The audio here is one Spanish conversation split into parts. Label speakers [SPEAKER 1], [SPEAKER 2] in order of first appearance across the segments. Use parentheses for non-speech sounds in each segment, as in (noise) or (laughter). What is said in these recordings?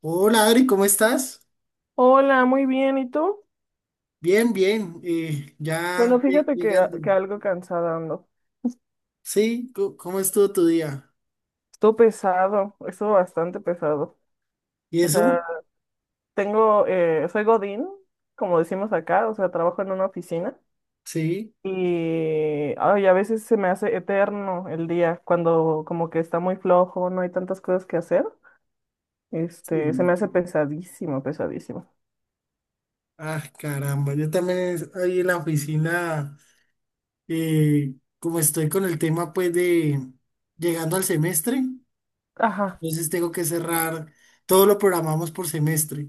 [SPEAKER 1] Hola Adri, ¿cómo estás?
[SPEAKER 2] Hola, muy bien. ¿Y tú?
[SPEAKER 1] Bien, bien, ya
[SPEAKER 2] Bueno, fíjate que, a-
[SPEAKER 1] llegando.
[SPEAKER 2] que algo cansada ando.
[SPEAKER 1] Sí, ¿cómo estuvo tu día?
[SPEAKER 2] Estuvo pesado, estuvo bastante pesado.
[SPEAKER 1] ¿Y
[SPEAKER 2] O
[SPEAKER 1] eso?
[SPEAKER 2] sea, tengo, soy Godín, como decimos acá, o sea, trabajo en una oficina
[SPEAKER 1] Sí,
[SPEAKER 2] y, ay, a veces se me hace eterno el día cuando como que está muy flojo, no hay tantas cosas que hacer. Este, se me
[SPEAKER 1] sí.
[SPEAKER 2] hace pesadísimo, pesadísimo.
[SPEAKER 1] Ah, caramba, yo también ahí en la oficina, eh, como estoy con el tema pues de llegando al semestre,
[SPEAKER 2] Ajá,
[SPEAKER 1] entonces tengo que cerrar, todo lo programamos por semestre.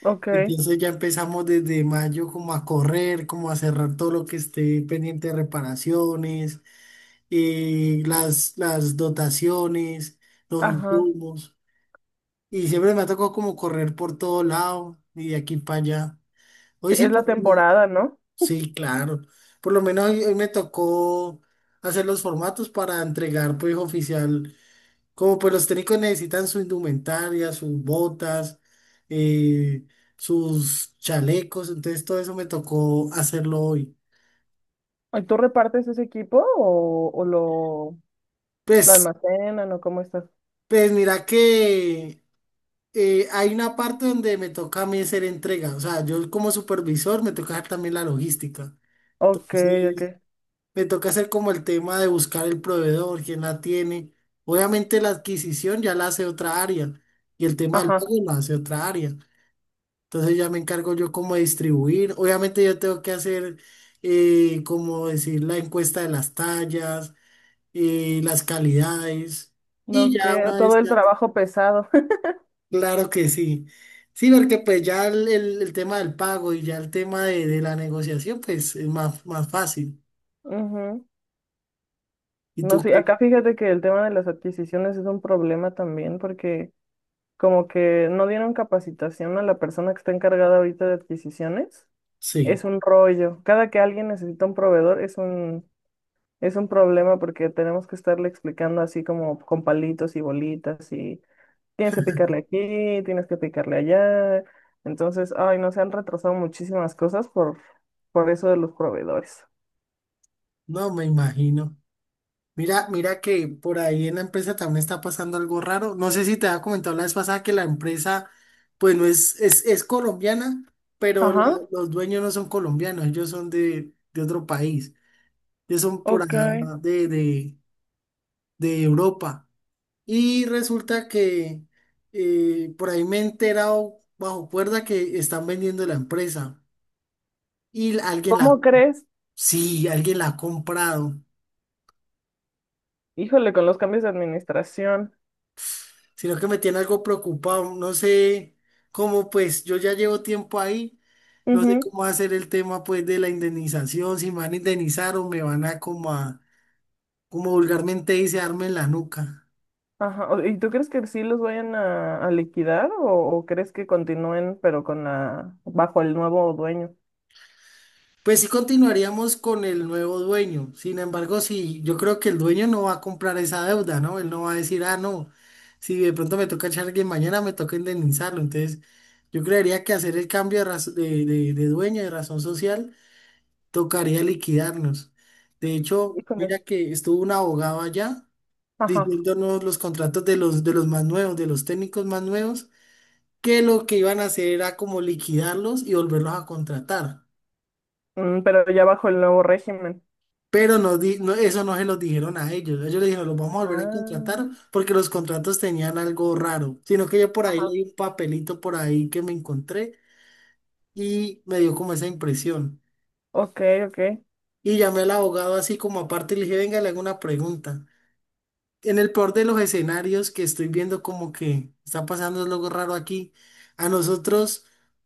[SPEAKER 2] ok,
[SPEAKER 1] Entonces ya empezamos desde mayo como a correr, como a cerrar todo lo que esté pendiente de reparaciones, las dotaciones, los
[SPEAKER 2] ajá.
[SPEAKER 1] insumos. Y siempre me ha tocado como correr por todo lado y de aquí para allá. Hoy sí,
[SPEAKER 2] Es la
[SPEAKER 1] no,
[SPEAKER 2] temporada, ¿no?
[SPEAKER 1] sí, claro. Por lo menos hoy, hoy me tocó hacer los formatos para entregar, pues, oficial. Como pues los técnicos necesitan su indumentaria, sus botas, eh, sus chalecos, entonces todo eso me tocó hacerlo hoy.
[SPEAKER 2] ¿Y tú repartes ese equipo o lo
[SPEAKER 1] Pues,
[SPEAKER 2] almacenan o cómo estás.
[SPEAKER 1] pues mira que hay una parte donde me toca a mí hacer entrega, o sea, yo como supervisor me toca hacer también la logística.
[SPEAKER 2] Ok, ok.
[SPEAKER 1] Entonces, me toca hacer como el tema de buscar el proveedor, quién la tiene. Obviamente la adquisición ya la hace otra área y el tema del
[SPEAKER 2] Ajá.
[SPEAKER 1] pago la hace otra área. Entonces ya me encargo yo como de distribuir. Obviamente yo tengo que hacer, como decir, la encuesta de las tallas, las calidades. Y
[SPEAKER 2] No,
[SPEAKER 1] ya
[SPEAKER 2] que
[SPEAKER 1] una vez
[SPEAKER 2] todo el
[SPEAKER 1] que...
[SPEAKER 2] trabajo pesado. (laughs)
[SPEAKER 1] Claro que sí. Sí, porque pues ya el tema del pago y ya el tema de la negociación, pues es más, más fácil.
[SPEAKER 2] Ujú.
[SPEAKER 1] ¿Y
[SPEAKER 2] No,
[SPEAKER 1] tú
[SPEAKER 2] sí,
[SPEAKER 1] qué?
[SPEAKER 2] acá fíjate que el tema de las adquisiciones es un problema también porque como que no dieron capacitación a la persona que está encargada ahorita de adquisiciones. Es
[SPEAKER 1] Sí,
[SPEAKER 2] un rollo. Cada que alguien necesita un proveedor es un problema porque tenemos que estarle explicando así como con palitos y bolitas y tienes que picarle aquí, tienes que picarle allá. Entonces, ay, no, se han retrasado muchísimas cosas por eso de los proveedores.
[SPEAKER 1] no me imagino. Mira, mira que por ahí en la empresa también está pasando algo raro. No sé si te había comentado la vez pasada que la empresa, pues no es, es colombiana, pero
[SPEAKER 2] Ajá,
[SPEAKER 1] los dueños no son colombianos, ellos son de otro país. Ellos son por
[SPEAKER 2] ok.
[SPEAKER 1] acá de, de Europa. Y resulta que por ahí me he enterado bajo cuerda que están vendiendo la empresa y alguien la,
[SPEAKER 2] ¿Cómo crees?
[SPEAKER 1] sí, alguien la ha comprado,
[SPEAKER 2] Híjole, con los cambios de administración.
[SPEAKER 1] sino que me tiene algo preocupado, no sé cómo pues yo ya llevo tiempo ahí, no sé
[SPEAKER 2] Ujú.
[SPEAKER 1] cómo va a ser el tema pues de la indemnización, si me van a indemnizar o me van a, como vulgarmente dice, darme en la nuca.
[SPEAKER 2] Ajá. ¿Y tú crees que sí los vayan a liquidar o crees que continúen pero con la bajo el nuevo dueño?
[SPEAKER 1] Pues sí continuaríamos con el nuevo dueño. Sin embargo, sí, yo creo que el dueño no va a comprar esa deuda, ¿no? Él no va a decir, ah, no, si de pronto me toca echar alguien mañana me toca indemnizarlo. Entonces, yo creería que hacer el cambio de, de, de dueño, de razón social, tocaría liquidarnos. De hecho, mira
[SPEAKER 2] Híjole.
[SPEAKER 1] que estuvo un abogado allá
[SPEAKER 2] Ajá.
[SPEAKER 1] diciéndonos los contratos de los más nuevos, de los técnicos más nuevos, que lo que iban a hacer era como liquidarlos y volverlos a contratar.
[SPEAKER 2] Mm, pero ya bajo el nuevo régimen.
[SPEAKER 1] Pero no, eso no se los dijeron a ellos. Ellos le dijeron, los vamos a volver a
[SPEAKER 2] Ah,
[SPEAKER 1] contratar porque los contratos tenían algo raro. Sino que yo por ahí
[SPEAKER 2] ajá.
[SPEAKER 1] leí un papelito por ahí que me encontré y me dio como esa impresión.
[SPEAKER 2] Ok, ok.
[SPEAKER 1] Y llamé al abogado así como aparte y le dije, venga, le hago una pregunta. En el peor de los escenarios que estoy viendo como que está pasando algo raro aquí, a nosotros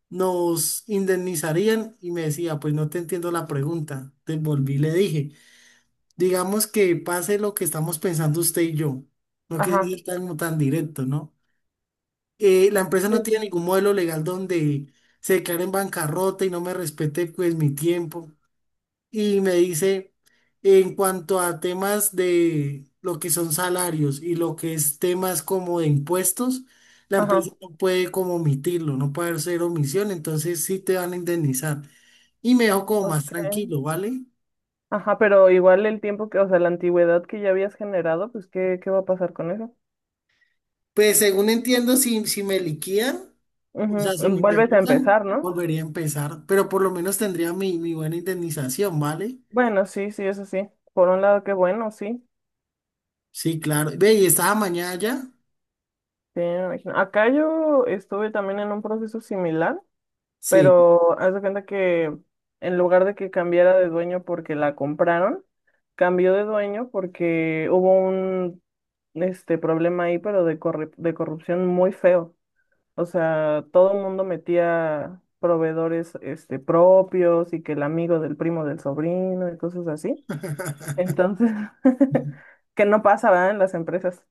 [SPEAKER 1] nos indemnizarían y me decía, pues no te entiendo la pregunta. Te volví y le dije, digamos que pase lo que estamos pensando usted y yo, no que
[SPEAKER 2] Ajá.
[SPEAKER 1] sea tan, tan directo, ¿no? La empresa
[SPEAKER 2] Sí,
[SPEAKER 1] no
[SPEAKER 2] sí,
[SPEAKER 1] tiene
[SPEAKER 2] sí.
[SPEAKER 1] ningún modelo legal donde se declare en bancarrota y no me respete pues mi tiempo. Y me dice, en cuanto a temas de lo que son salarios y lo que es temas como de impuestos, la
[SPEAKER 2] Ajá.
[SPEAKER 1] empresa no puede como omitirlo, no puede hacer omisión, entonces sí te van a indemnizar. Y me dejó como más
[SPEAKER 2] Ok.
[SPEAKER 1] tranquilo, ¿vale?
[SPEAKER 2] Ajá, pero igual el tiempo que, o sea, la antigüedad que ya habías generado, pues, ¿qué, qué va a pasar con eso?
[SPEAKER 1] Pues según entiendo, si, si me liquidan, o sea,
[SPEAKER 2] Ujú.
[SPEAKER 1] si me
[SPEAKER 2] Mm, vuelves a
[SPEAKER 1] indemnizan,
[SPEAKER 2] empezar, ¿no?
[SPEAKER 1] volvería a empezar, pero por lo menos tendría mi, mi buena indemnización, ¿vale?
[SPEAKER 2] Bueno, sí, sí, eso sí. Por un lado, qué bueno, sí.
[SPEAKER 1] Sí, claro. Ve, ¿y estaba mañana ya?
[SPEAKER 2] Sí, me imagino. Acá yo estuve también en un proceso similar,
[SPEAKER 1] Sí.
[SPEAKER 2] pero haz de cuenta que en lugar de que cambiara de dueño porque la compraron, cambió de dueño porque hubo un este problema ahí, pero de corrupción muy feo. O sea, todo el mundo metía proveedores este, propios y que el amigo del primo del sobrino y cosas así.
[SPEAKER 1] (laughs)
[SPEAKER 2] Entonces, (laughs) que no pasa, ¿verdad? En las empresas.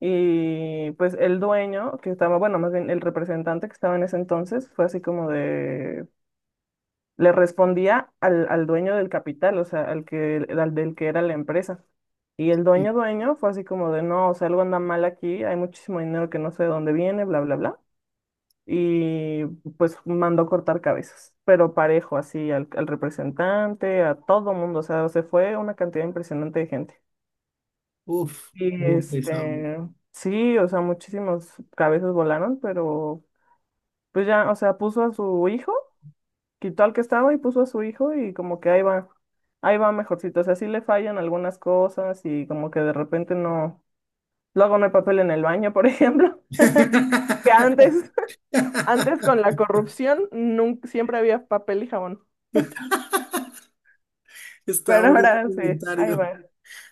[SPEAKER 2] Y pues el dueño que estaba, bueno, más bien el representante que estaba en ese entonces, fue así como de, le respondía al dueño del capital, o sea, al que, al del que era la empresa. Y el
[SPEAKER 1] Sí.
[SPEAKER 2] dueño dueño fue así como de, no, o sea, algo anda mal aquí, hay muchísimo dinero que no sé de dónde viene, bla, bla, bla, y pues mandó cortar cabezas, pero parejo, así al representante, a todo mundo, o sea, se fue una cantidad impresionante de gente.
[SPEAKER 1] Uf,
[SPEAKER 2] Y
[SPEAKER 1] estuvo pesado.
[SPEAKER 2] este, sí, o sea, muchísimas cabezas volaron, pero pues ya, o sea, puso a su hijo, quitó al que estaba y puso a su hijo y como que ahí va mejorcito, o sea, sí le fallan algunas cosas y como que de repente no, luego no hay papel en el baño, por ejemplo, (laughs) que antes,
[SPEAKER 1] (laughs)
[SPEAKER 2] (laughs) antes con la corrupción, nunca, siempre había papel y jabón.
[SPEAKER 1] Está
[SPEAKER 2] Pero
[SPEAKER 1] bonito
[SPEAKER 2] ahora
[SPEAKER 1] tu
[SPEAKER 2] sí, ahí
[SPEAKER 1] comentario.
[SPEAKER 2] va.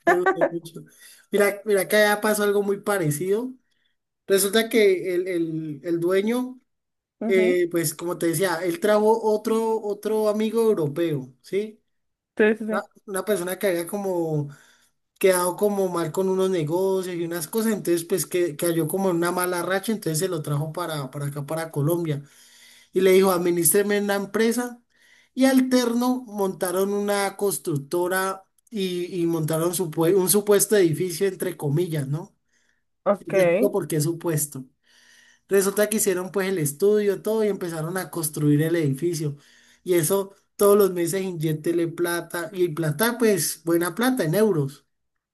[SPEAKER 1] Me gustó mucho. Mira, mira que allá pasó algo muy parecido. Resulta que el, el dueño,
[SPEAKER 2] Ujú.
[SPEAKER 1] pues como te decía, él trajo otro, otro amigo europeo, ¿sí?
[SPEAKER 2] Sí, sí, sí.
[SPEAKER 1] Una persona que había como quedado como mal con unos negocios y unas cosas, entonces pues que cayó como en una mala racha, entonces se lo trajo para acá, para Colombia, y le dijo, administreme una empresa, y alterno montaron una constructora y montaron un supuesto edificio, entre comillas, ¿no?
[SPEAKER 2] Ok.
[SPEAKER 1] Yo te explico por qué supuesto. Resulta que hicieron pues el estudio, todo y empezaron a construir el edificio. Y eso todos los meses inyéctele plata y plata pues buena plata en euros.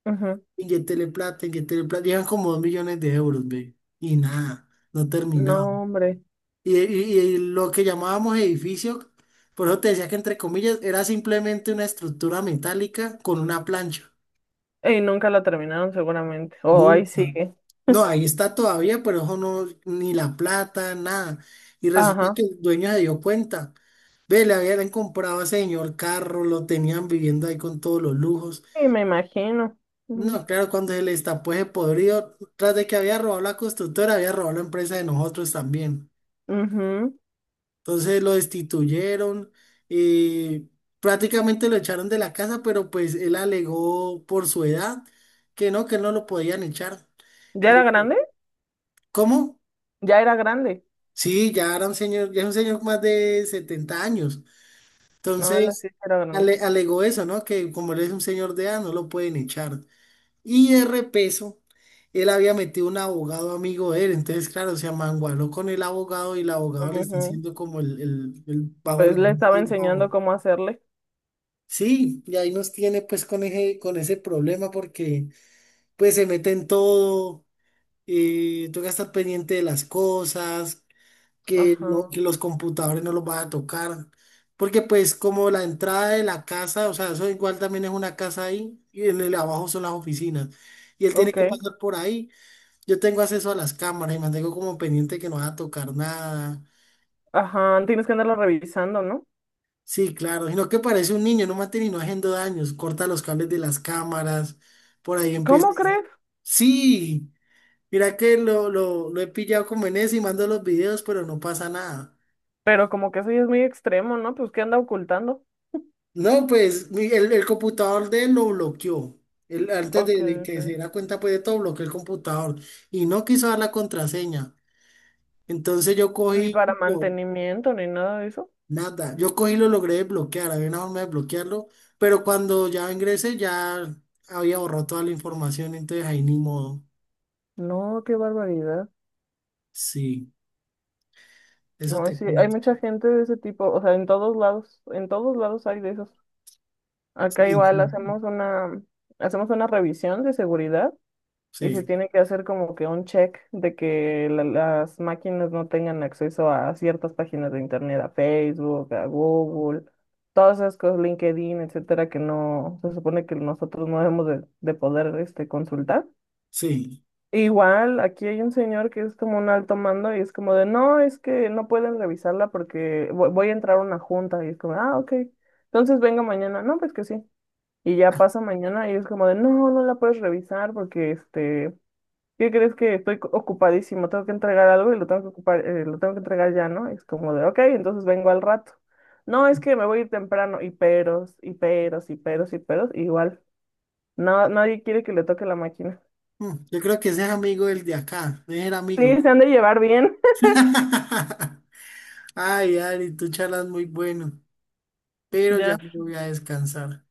[SPEAKER 2] Ujú.
[SPEAKER 1] Inyéctele plata, inyéctele plata. Llevan como 2 millones de euros, ve. Y nada, no
[SPEAKER 2] No,
[SPEAKER 1] terminaban.
[SPEAKER 2] hombre.
[SPEAKER 1] Y, y lo que llamábamos edificio, por eso te decía que entre comillas era simplemente una estructura metálica con una plancha.
[SPEAKER 2] Y nunca la terminaron seguramente. Oh, ahí
[SPEAKER 1] Nunca.
[SPEAKER 2] sigue.
[SPEAKER 1] No, ahí está todavía, pero eso no, ni la plata, nada. Y resulta
[SPEAKER 2] Ajá.
[SPEAKER 1] que el dueño se dio cuenta. Ve, le habían comprado a ese señor carro, lo tenían viviendo ahí con todos los lujos.
[SPEAKER 2] Sí, me imagino. Ujú,
[SPEAKER 1] No, claro, cuando se le destapó ese podrido, tras de que había robado la constructora, había robado la empresa de nosotros también.
[SPEAKER 2] ujú.
[SPEAKER 1] Entonces lo destituyeron y prácticamente lo echaron de la casa, pero pues él alegó por su edad que no lo podían echar.
[SPEAKER 2] ¿Ya era
[SPEAKER 1] ¿Y
[SPEAKER 2] grande?
[SPEAKER 1] cómo?
[SPEAKER 2] Ya era grande.
[SPEAKER 1] Sí, ya era un señor, ya es un señor más de 70 años.
[SPEAKER 2] No, la
[SPEAKER 1] Entonces,
[SPEAKER 2] sí era grande.
[SPEAKER 1] alegó eso, ¿no? Que como él es un señor de edad, no lo pueden echar. Y de repeso, él había metido un abogado amigo de él. Entonces, claro, se amangualó con el abogado y el abogado le está
[SPEAKER 2] Ujú.
[SPEAKER 1] haciendo como el, el bajo
[SPEAKER 2] Pues
[SPEAKER 1] la
[SPEAKER 2] le
[SPEAKER 1] mesa
[SPEAKER 2] estaba
[SPEAKER 1] y el bobo.
[SPEAKER 2] enseñando cómo hacerle.
[SPEAKER 1] Sí, y ahí nos tiene pues con ese problema porque pues se mete en todo, toca estar pendiente de las cosas que,
[SPEAKER 2] Ajá.
[SPEAKER 1] que los computadores no los van a tocar. Porque pues como la entrada de la casa, o sea, eso igual también es una casa ahí, y en el abajo son las oficinas. Y él tiene que
[SPEAKER 2] Ok.
[SPEAKER 1] pasar por ahí. Yo tengo acceso a las cámaras y mantengo como pendiente que no va a tocar nada.
[SPEAKER 2] Ajá. Tienes que andarlo revisando, ¿no?
[SPEAKER 1] Sí, claro, sino que parece un niño, no mate ni no haciendo daños, corta los cables de las cámaras, por ahí
[SPEAKER 2] ¿Cómo
[SPEAKER 1] empieza.
[SPEAKER 2] crees?
[SPEAKER 1] Sí, mira que lo he pillado como en eso y mando los videos, pero no pasa nada.
[SPEAKER 2] Pero como que eso ya es muy extremo, ¿no? Pues ¿qué anda ocultando?
[SPEAKER 1] No, pues el computador de él lo bloqueó. Él, antes
[SPEAKER 2] Ok,
[SPEAKER 1] de que se
[SPEAKER 2] ok.
[SPEAKER 1] diera cuenta pues de todo, bloqueó el computador y no quiso dar la contraseña. Entonces yo
[SPEAKER 2] Ni
[SPEAKER 1] cogí,
[SPEAKER 2] para
[SPEAKER 1] no,
[SPEAKER 2] mantenimiento, ni nada de eso.
[SPEAKER 1] nada, yo cogí y lo logré desbloquear, había una forma de bloquearlo, pero cuando ya ingresé ya había borrado toda la información, entonces ahí ni modo.
[SPEAKER 2] No, qué barbaridad.
[SPEAKER 1] Sí, eso
[SPEAKER 2] No,
[SPEAKER 1] te
[SPEAKER 2] sí, hay
[SPEAKER 1] cuento.
[SPEAKER 2] mucha gente de ese tipo, o sea, en todos lados hay de esos. Acá
[SPEAKER 1] Sí, sí,
[SPEAKER 2] igual hacemos una revisión de seguridad y se
[SPEAKER 1] sí,
[SPEAKER 2] tiene que hacer como que un check de que las máquinas no tengan acceso a ciertas páginas de internet, a Facebook, a Google, todas esas cosas, LinkedIn, etcétera, que no, se supone que nosotros no debemos de poder este, consultar.
[SPEAKER 1] sí.
[SPEAKER 2] Igual, aquí hay un señor que es como un alto mando y es como de, no, es que no pueden revisarla porque voy a entrar a una junta y es como, ah, ok, entonces venga mañana, no, pues que sí. Y ya
[SPEAKER 1] Ah,
[SPEAKER 2] pasa mañana y es como de, no, no la puedes revisar porque, este, ¿qué crees que estoy ocupadísimo? Tengo que entregar algo y lo tengo que ocupar, lo tengo que entregar ya, ¿no? Y es como de, ok, entonces vengo al rato. No, es que me voy a ir temprano y peros, y peros, y peros, y peros, igual. No, nadie quiere que le toque la máquina.
[SPEAKER 1] mm, yo creo que ese es amigo del de acá, ese era amigo.
[SPEAKER 2] Sí, se han de llevar bien. (laughs)
[SPEAKER 1] (laughs) Ay, Ari, tú charlas muy bueno, pero
[SPEAKER 2] Ya
[SPEAKER 1] ya me voy a descansar.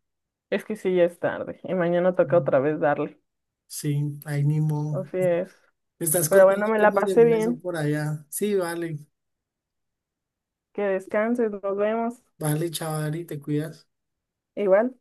[SPEAKER 2] es que sí, ya es tarde y mañana toca otra vez darle.
[SPEAKER 1] Sí, ahí ni modo.
[SPEAKER 2] Así es.
[SPEAKER 1] Me estás
[SPEAKER 2] Pero
[SPEAKER 1] contando
[SPEAKER 2] bueno, me la
[SPEAKER 1] cómo se
[SPEAKER 2] pasé
[SPEAKER 1] mueve eso
[SPEAKER 2] bien.
[SPEAKER 1] por allá. Sí, vale,
[SPEAKER 2] Que descanses, nos vemos.
[SPEAKER 1] vale, chaval, Ari, te cuidas.
[SPEAKER 2] Igual.